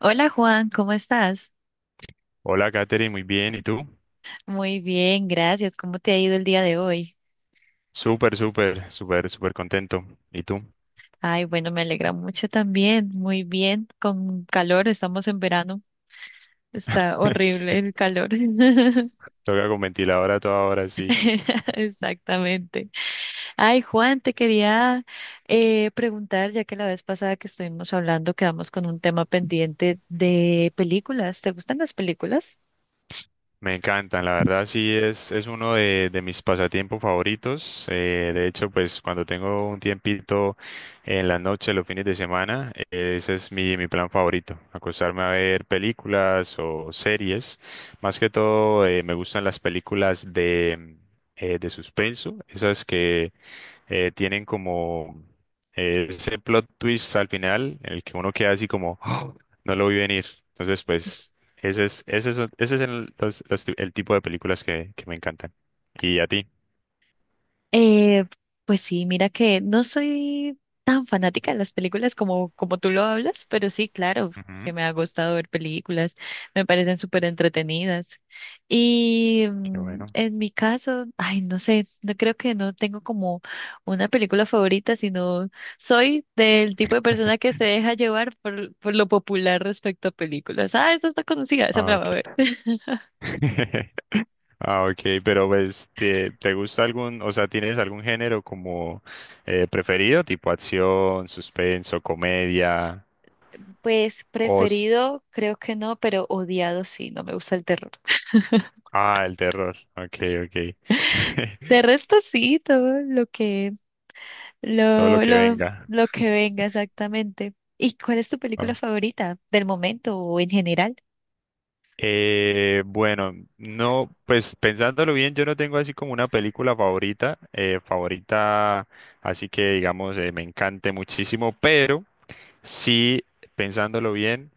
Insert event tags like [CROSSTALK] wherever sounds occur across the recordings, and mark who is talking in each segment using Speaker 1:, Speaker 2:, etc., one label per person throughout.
Speaker 1: Hola Juan, ¿cómo estás?
Speaker 2: Hola, Katherine, muy bien. ¿Y tú?
Speaker 1: Muy bien, gracias. ¿Cómo te ha ido el día de hoy?
Speaker 2: Súper, súper, súper, súper contento. ¿Y tú?
Speaker 1: Ay, bueno, me alegra mucho también. Muy bien, con calor, estamos en verano. Está
Speaker 2: [LAUGHS] Sí,
Speaker 1: horrible el calor. [LAUGHS]
Speaker 2: toca con ventilador a toda hora, sí.
Speaker 1: Exactamente. Ay, Juan, te quería preguntar, ya que la vez pasada que estuvimos hablando, quedamos con un tema pendiente de películas. ¿Te gustan las películas?
Speaker 2: Me encantan, la verdad, sí, es uno de mis pasatiempos favoritos. De hecho, pues cuando tengo un tiempito en la noche, los fines de semana, ese es mi plan favorito. Acostarme a ver películas o series. Más que todo, me gustan las películas de suspenso, esas que tienen como ese plot twist al final en el que uno queda así como, "Oh, no lo vi venir." Entonces, pues, ese es el, los ti- el tipo de películas que me encantan. ¿Y a ti?
Speaker 1: Eh, pues sí, mira que no soy tan fanática de las películas como, como tú lo hablas, pero sí, claro, que
Speaker 2: Ujú.
Speaker 1: me ha gustado ver películas, me parecen súper entretenidas. Y
Speaker 2: Qué bueno.
Speaker 1: en mi caso, ay, no sé, no creo que no tengo como una película favorita, sino soy del tipo de persona que
Speaker 2: [LAUGHS]
Speaker 1: se deja llevar por lo popular respecto a películas. Ah, esta está conocida, esa me
Speaker 2: Ah,
Speaker 1: la voy a
Speaker 2: ok.
Speaker 1: ver.
Speaker 2: [LAUGHS] Ah, ok, pero pues, ¿te gusta algún, o sea, tienes algún género como preferido, tipo acción, suspenso, comedia,
Speaker 1: Pues
Speaker 2: os...
Speaker 1: preferido, creo que no, pero odiado sí, no me gusta el terror.
Speaker 2: Ah, el terror. Ok, ok.
Speaker 1: De
Speaker 2: [LAUGHS]
Speaker 1: resto sí, todo lo que,
Speaker 2: Todo lo
Speaker 1: lo,
Speaker 2: que
Speaker 1: lo,
Speaker 2: venga.
Speaker 1: lo que venga exactamente. ¿Y cuál es tu película
Speaker 2: ¿No?
Speaker 1: favorita del momento o en general?
Speaker 2: Bueno, no, pues pensándolo bien, yo no tengo así como una película favorita, así que digamos, me encante muchísimo, pero sí, pensándolo bien,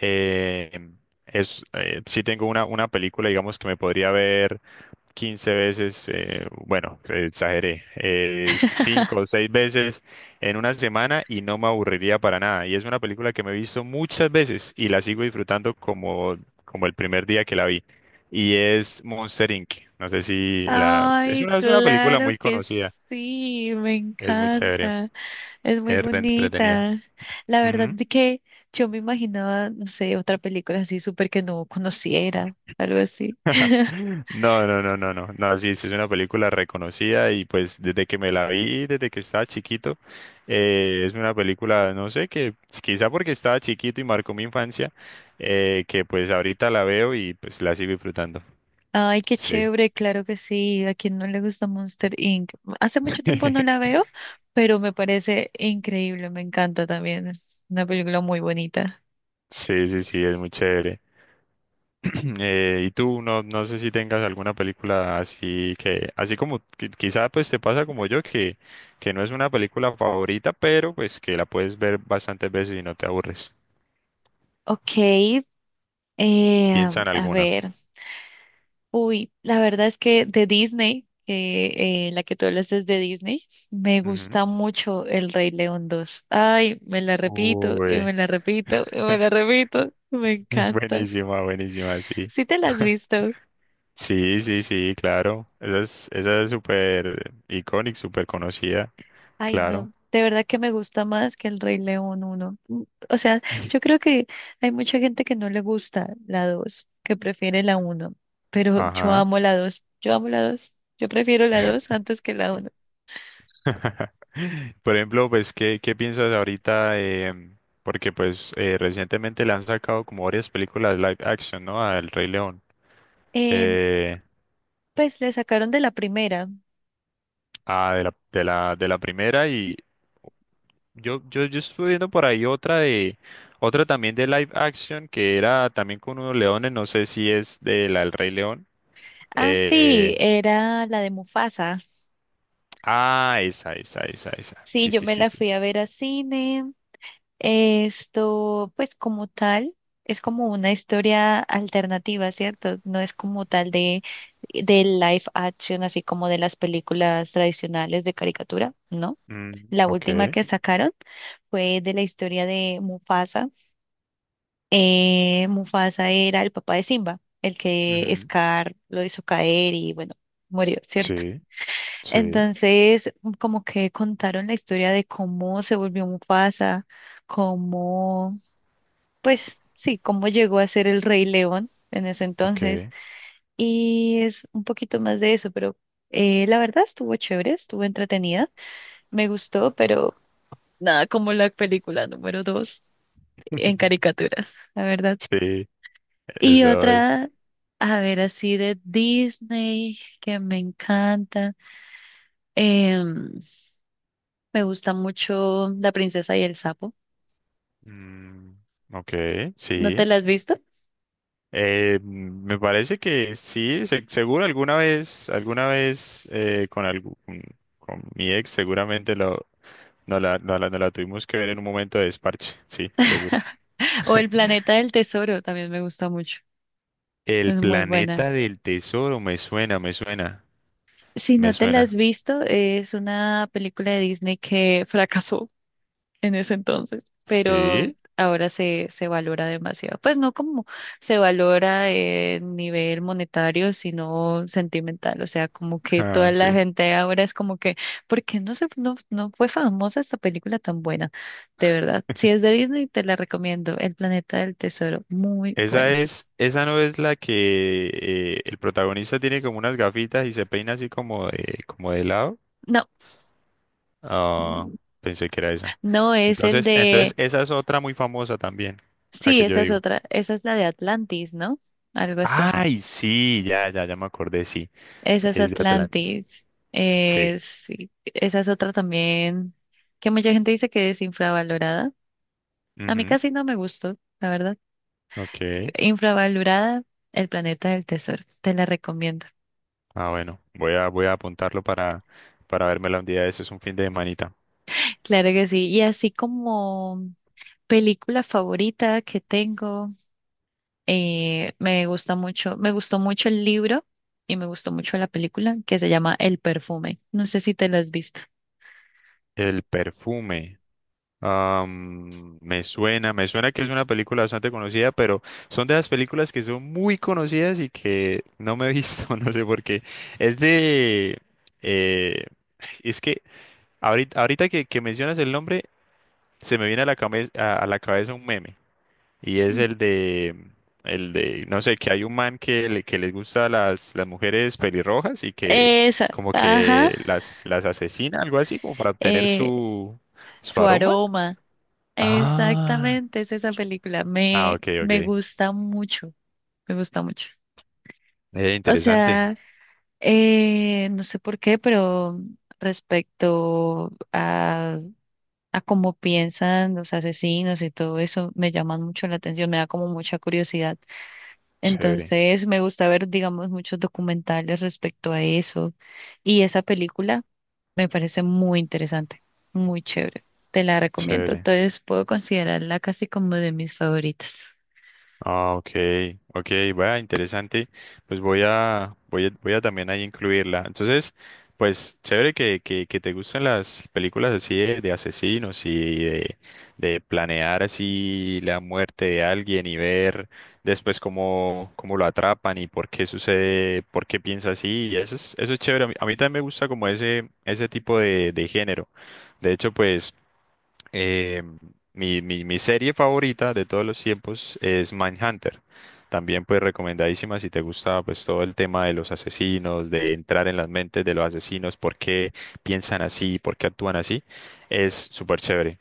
Speaker 2: eh, sí tengo una película, digamos, que me podría ver. Quince veces, bueno, exageré, 5 o
Speaker 1: [LAUGHS]
Speaker 2: 6 veces en una semana y no me aburriría para nada. Y es una película que me he visto muchas veces y la sigo disfrutando como el primer día que la vi. Y es Monster Inc. No sé si la... Es
Speaker 1: Ay,
Speaker 2: una, es una película
Speaker 1: claro
Speaker 2: muy
Speaker 1: que
Speaker 2: conocida,
Speaker 1: sí, me
Speaker 2: es muy chévere,
Speaker 1: encanta, es muy
Speaker 2: es re entretenida.
Speaker 1: bonita. La verdad de que yo me imaginaba, no sé, otra película así súper que no conociera, algo así.
Speaker 2: [LAUGHS]
Speaker 1: [LAUGHS]
Speaker 2: No, no, no, no, no. No, sí, sí es una película reconocida y pues desde que me la vi, desde que estaba chiquito, es una película, no sé, que quizá porque estaba chiquito y marcó mi infancia, que pues ahorita la veo y pues la sigo disfrutando.
Speaker 1: Ay, qué
Speaker 2: Sí.
Speaker 1: chévere, claro que sí. ¿A quien no le gusta Monster Inc? Hace mucho tiempo no la
Speaker 2: [LAUGHS]
Speaker 1: veo, pero me parece increíble, me encanta también. Es una película muy bonita.
Speaker 2: Sí, sí, sí, es muy chévere. [CLEARS THROAT] Y tú, no, no sé si tengas alguna película así que, así como quizá pues te pasa como yo, que no es una película favorita, pero pues que la puedes ver bastantes veces y no te aburres.
Speaker 1: Ok,
Speaker 2: Piensa en
Speaker 1: a
Speaker 2: alguna.
Speaker 1: ver. Uy, la verdad es que de Disney, que la que tú hablas es de Disney, me
Speaker 2: Ujú.
Speaker 1: gusta mucho El Rey León dos. Ay, me la repito, y me
Speaker 2: Uy,
Speaker 1: la repito, y
Speaker 2: [LAUGHS]
Speaker 1: me la repito. Me encanta.
Speaker 2: buenísima, buenísima, sí.
Speaker 1: ¿Sí te la has
Speaker 2: [LAUGHS]
Speaker 1: visto?
Speaker 2: Sí, sí, sí, claro. Esa es súper icónica, súper conocida,
Speaker 1: Ay,
Speaker 2: claro.
Speaker 1: no, de verdad que me gusta más que el Rey León uno. O sea, yo
Speaker 2: [LAUGHS]
Speaker 1: creo que hay mucha gente que no le gusta la dos, que prefiere la uno, pero yo
Speaker 2: Ajá.
Speaker 1: amo la dos, yo amo la dos, yo prefiero la dos antes que la uno.
Speaker 2: [LAUGHS] Por ejemplo, pues, ¿qué piensas ahorita? Porque pues recientemente le han sacado como varias películas live action, ¿no? Al Rey León.
Speaker 1: Eh,
Speaker 2: Eh,
Speaker 1: pues le sacaron de la primera.
Speaker 2: de la primera y yo estuve viendo por ahí otra también de live action que era también con unos leones, no sé si es de la del Rey León.
Speaker 1: Ah,
Speaker 2: Eh,
Speaker 1: sí, era la de Mufasa.
Speaker 2: esa, esa, esa, esa.
Speaker 1: Sí,
Speaker 2: Sí,
Speaker 1: yo
Speaker 2: sí,
Speaker 1: me
Speaker 2: sí,
Speaker 1: la
Speaker 2: sí.
Speaker 1: fui a ver a cine. Esto, pues como tal, es como una historia alternativa, ¿cierto? No es como tal de live action, así como de las películas tradicionales de caricatura, ¿no?
Speaker 2: Mm,
Speaker 1: La última
Speaker 2: ok.
Speaker 1: que sacaron fue de la historia de Mufasa. Mufasa era el papá de Simba, el que
Speaker 2: Ujú.
Speaker 1: Scar lo hizo caer y bueno, murió, ¿cierto?
Speaker 2: Sí, sí,
Speaker 1: Entonces, como que contaron la historia de cómo se volvió Mufasa, cómo pues sí, cómo llegó a ser el Rey León en ese entonces.
Speaker 2: ok.
Speaker 1: Y es un poquito más de eso, pero la verdad estuvo chévere, estuvo entretenida, me gustó, pero nada como la película número dos en
Speaker 2: [LAUGHS]
Speaker 1: caricaturas, la verdad.
Speaker 2: Sí,
Speaker 1: Y
Speaker 2: eso es.
Speaker 1: otra, a ver, así de Disney, que me encanta. em, Me gusta mucho La princesa y el sapo.
Speaker 2: mm, ok,
Speaker 1: ¿No te
Speaker 2: sí.
Speaker 1: la has visto?
Speaker 2: Me parece que sí, seguro alguna vez con mi ex seguramente, no la tuvimos que ver en un momento de desparche, sí, seguro.
Speaker 1: [LAUGHS] O El planeta del tesoro también me gusta mucho.
Speaker 2: El
Speaker 1: Es muy buena.
Speaker 2: planeta del tesoro, me suena, me suena,
Speaker 1: Si
Speaker 2: me
Speaker 1: no te la has
Speaker 2: suena.
Speaker 1: visto, es una película de Disney que fracasó en ese entonces, pero
Speaker 2: Sí,
Speaker 1: ahora se valora demasiado. Pues no como se valora en nivel monetario, sino sentimental. O sea, como que
Speaker 2: ah,
Speaker 1: toda la
Speaker 2: sí.
Speaker 1: gente ahora es como que, ¿por qué no se, no, no fue famosa esta película tan buena? De verdad, si es de Disney, te la recomiendo. El Planeta del Tesoro, muy
Speaker 2: Esa
Speaker 1: buena.
Speaker 2: es, esa no es la que el protagonista tiene como unas gafitas y se peina así como como de lado.
Speaker 1: No,
Speaker 2: Ah, pensé que era esa.
Speaker 1: no es el
Speaker 2: Entonces,
Speaker 1: de.
Speaker 2: esa es otra muy famosa también, la
Speaker 1: Sí,
Speaker 2: que yo
Speaker 1: esa es
Speaker 2: digo.
Speaker 1: otra, esa es la de Atlantis, ¿no? Algo así.
Speaker 2: Ay, sí, ya, ya, ya me acordé, sí.
Speaker 1: Esa es
Speaker 2: Es de Atlantis.
Speaker 1: Atlantis.
Speaker 2: Sí.
Speaker 1: Sí, esa es otra también que mucha gente dice que es infravalorada. A mí
Speaker 2: Ujú.
Speaker 1: casi no me gustó, la verdad.
Speaker 2: Ok.
Speaker 1: Infravalorada, El planeta del tesoro. Te la recomiendo.
Speaker 2: Ah, bueno, voy a apuntarlo para vérmela un día. Ese es un fin de manita.
Speaker 1: Claro que sí. Y así como película favorita que tengo, me gusta mucho, me gustó mucho el libro y me gustó mucho la película que se llama El perfume. No sé si te la has visto.
Speaker 2: El perfume. Me suena, me suena que es una película bastante conocida, pero son de las películas que son muy conocidas y que no me he visto, [LAUGHS] no sé por qué. Es de... eh, es que ahorita que mencionas el nombre, se me viene a la cabeza, a la cabeza un meme. Y es el de... El de, no sé, que hay un man que les gusta las mujeres pelirrojas y que
Speaker 1: Esa,
Speaker 2: como
Speaker 1: ajá,
Speaker 2: que las asesina, algo así, como para obtener
Speaker 1: eh,
Speaker 2: su
Speaker 1: su
Speaker 2: aroma.
Speaker 1: aroma.
Speaker 2: Ah,
Speaker 1: Exactamente, es esa película.
Speaker 2: Ah, ok,
Speaker 1: Me
Speaker 2: ok.
Speaker 1: gusta mucho, me gusta mucho. O
Speaker 2: Interesante.
Speaker 1: sea, no sé por qué, pero respecto a cómo piensan los asesinos y todo eso, me llaman mucho la atención, me da como mucha curiosidad.
Speaker 2: Chévere,
Speaker 1: Entonces, me gusta ver, digamos, muchos documentales respecto a eso. Y esa película. Me parece muy interesante, muy chévere. Te la recomiendo.
Speaker 2: chévere.
Speaker 1: Entonces puedo considerarla casi como de mis favoritas.
Speaker 2: Ah, ok, ok, vaya, interesante. Pues voy a también ahí incluirla. Entonces, pues chévere que te gusten las películas así de asesinos y de, de planear así la muerte de alguien y ver después cómo lo atrapan y por qué sucede, por qué piensa así. Y eso es chévere. A mí también me gusta como ese tipo de género. De hecho, pues. Eh, mi serie favorita de todos los tiempos es Mindhunter. También pues recomendadísima si te gusta pues todo el tema de los asesinos, de entrar en las mentes de los asesinos, por qué piensan así, por qué actúan así, es súper chévere.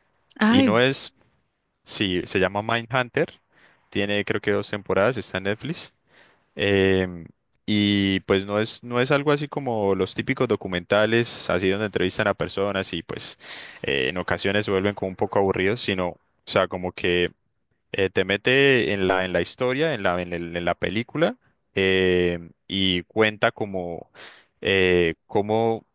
Speaker 2: Y
Speaker 1: Ay,
Speaker 2: no es, sí, se llama Mindhunter, tiene creo que dos temporadas, está en Netflix. Em, y pues no es algo así como los típicos documentales, así donde entrevistan a personas y pues en ocasiones se vuelven como un poco aburridos, sino, o sea, como que te mete en la historia, en la película, y cuenta como eh, cómo,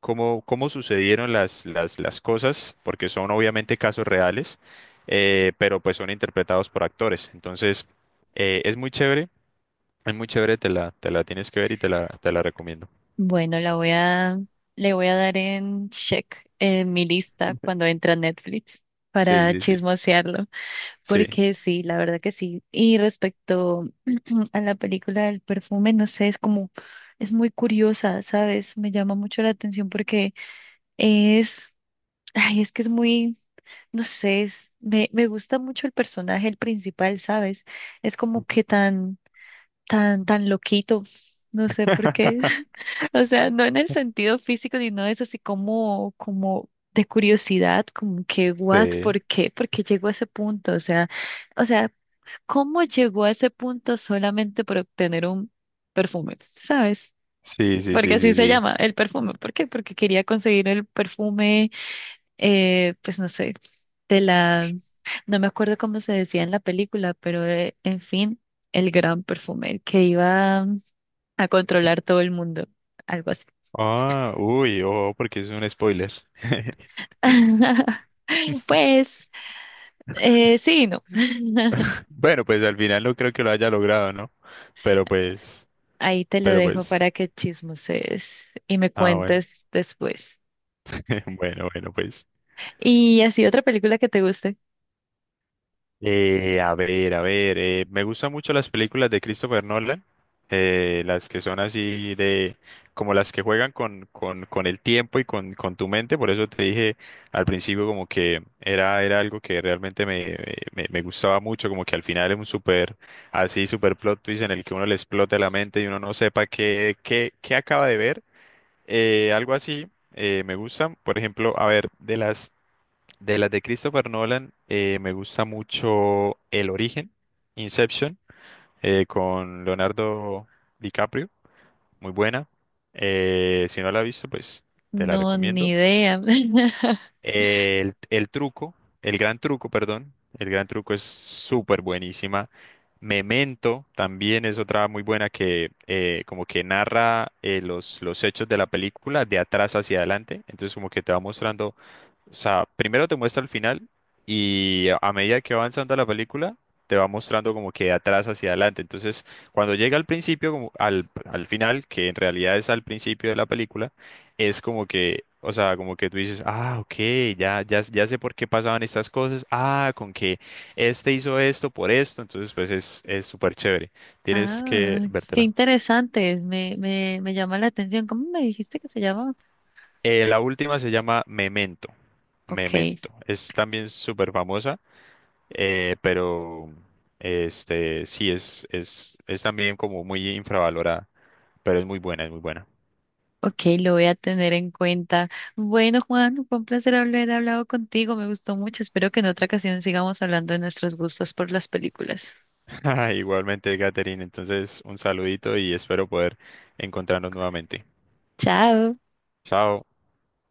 Speaker 2: cómo sucedieron las cosas, porque son obviamente casos reales, pero pues son interpretados por actores. Entonces, eh, es muy chévere es muy chévere, te la tienes que ver y te la recomiendo.
Speaker 1: bueno, la voy a, le voy a dar en check en mi lista cuando
Speaker 2: [LAUGHS]
Speaker 1: entra Netflix
Speaker 2: Sí,
Speaker 1: para
Speaker 2: sí, sí.
Speaker 1: chismosearlo,
Speaker 2: Sí.
Speaker 1: porque sí, la verdad que sí. Y respecto [CLEARS THROAT] a la película del perfume, no sé, es como, es muy curiosa, ¿sabes? Me llama mucho la atención porque es, ay, es que es muy. No sé, es- me gusta mucho el personaje, el principal, ¿sabes? Es como que tan, tan, tan loquito, no sé por qué. [LAUGHS] O sea, no en el sentido físico, sino eso, así como, como de curiosidad, como que, what,
Speaker 2: Sí.
Speaker 1: ¿por qué? ¿Por qué llegó a ese punto? O sea, ¿cómo llegó a ese punto solamente por obtener un perfume? ¿Sabes?
Speaker 2: Sí, sí,
Speaker 1: Porque
Speaker 2: sí,
Speaker 1: así
Speaker 2: sí,
Speaker 1: se
Speaker 2: sí.
Speaker 1: llama, el perfume. ¿Por qué? Porque quería conseguir el perfume pues no sé, de la, no me acuerdo cómo se decía en la película, pero en fin, el gran perfume, que iba a controlar todo el mundo, algo así.
Speaker 2: Ah, uy, oh, porque es un spoiler.
Speaker 1: [LAUGHS] Pues, sí, y no.
Speaker 2: [LAUGHS]
Speaker 1: [LAUGHS]
Speaker 2: Bueno, pues al final no creo que lo haya logrado, ¿no? Pero pues,
Speaker 1: Ahí te lo
Speaker 2: pero
Speaker 1: dejo
Speaker 2: pues,
Speaker 1: para que chismoses y me
Speaker 2: ah, bueno.
Speaker 1: cuentes después.
Speaker 2: [LAUGHS] Bueno, bueno, pues.
Speaker 1: Y así otra película que te guste.
Speaker 2: A ver, me gustan mucho las películas de Christopher Nolan, las que son como las que juegan con el tiempo y con tu mente, por eso te dije al principio como que era algo que realmente me gustaba mucho, como que al final es así súper plot twist en el que uno le explota la mente y uno no sepa qué acaba de ver, algo así, me gustan, por ejemplo, a ver, de las de Christopher Nolan, me gusta mucho El Origen, Inception, con Leonardo DiCaprio, muy buena. Si no la has visto, pues te la
Speaker 1: No, ni
Speaker 2: recomiendo.
Speaker 1: idea. [LAUGHS]
Speaker 2: El truco, el gran truco, perdón, el gran truco es súper buenísima. Memento también es otra muy buena que como que narra los hechos de la película de atrás hacia adelante, entonces como que te va mostrando o sea, primero te muestra el final y a medida que va avanzando la película, te va mostrando como que de atrás hacia adelante. Entonces, cuando llega al principio, como al final, que en realidad es al principio de la película, es como que, o sea, como que tú dices, ah, ok, ya, ya, ya sé por qué pasaban estas cosas, ah, con que este hizo esto por esto, entonces pues es súper chévere. Tienes que
Speaker 1: Ah, qué
Speaker 2: vértela.
Speaker 1: interesante. Me llama la atención. ¿Cómo me dijiste que se llama?
Speaker 2: La última se llama Memento.
Speaker 1: Ok,
Speaker 2: Memento. Es también súper famosa. Pero este sí es también como muy infravalorada, pero es muy buena, es muy buena.
Speaker 1: ok, lo voy a tener en cuenta. Bueno, Juan, fue un placer haber hablado contigo, me gustó mucho. Espero que en otra ocasión sigamos hablando de nuestros gustos por las películas.
Speaker 2: [LAUGHS] Igualmente, Catherine, entonces un saludito y espero poder encontrarnos nuevamente.
Speaker 1: Chao.
Speaker 2: Chao.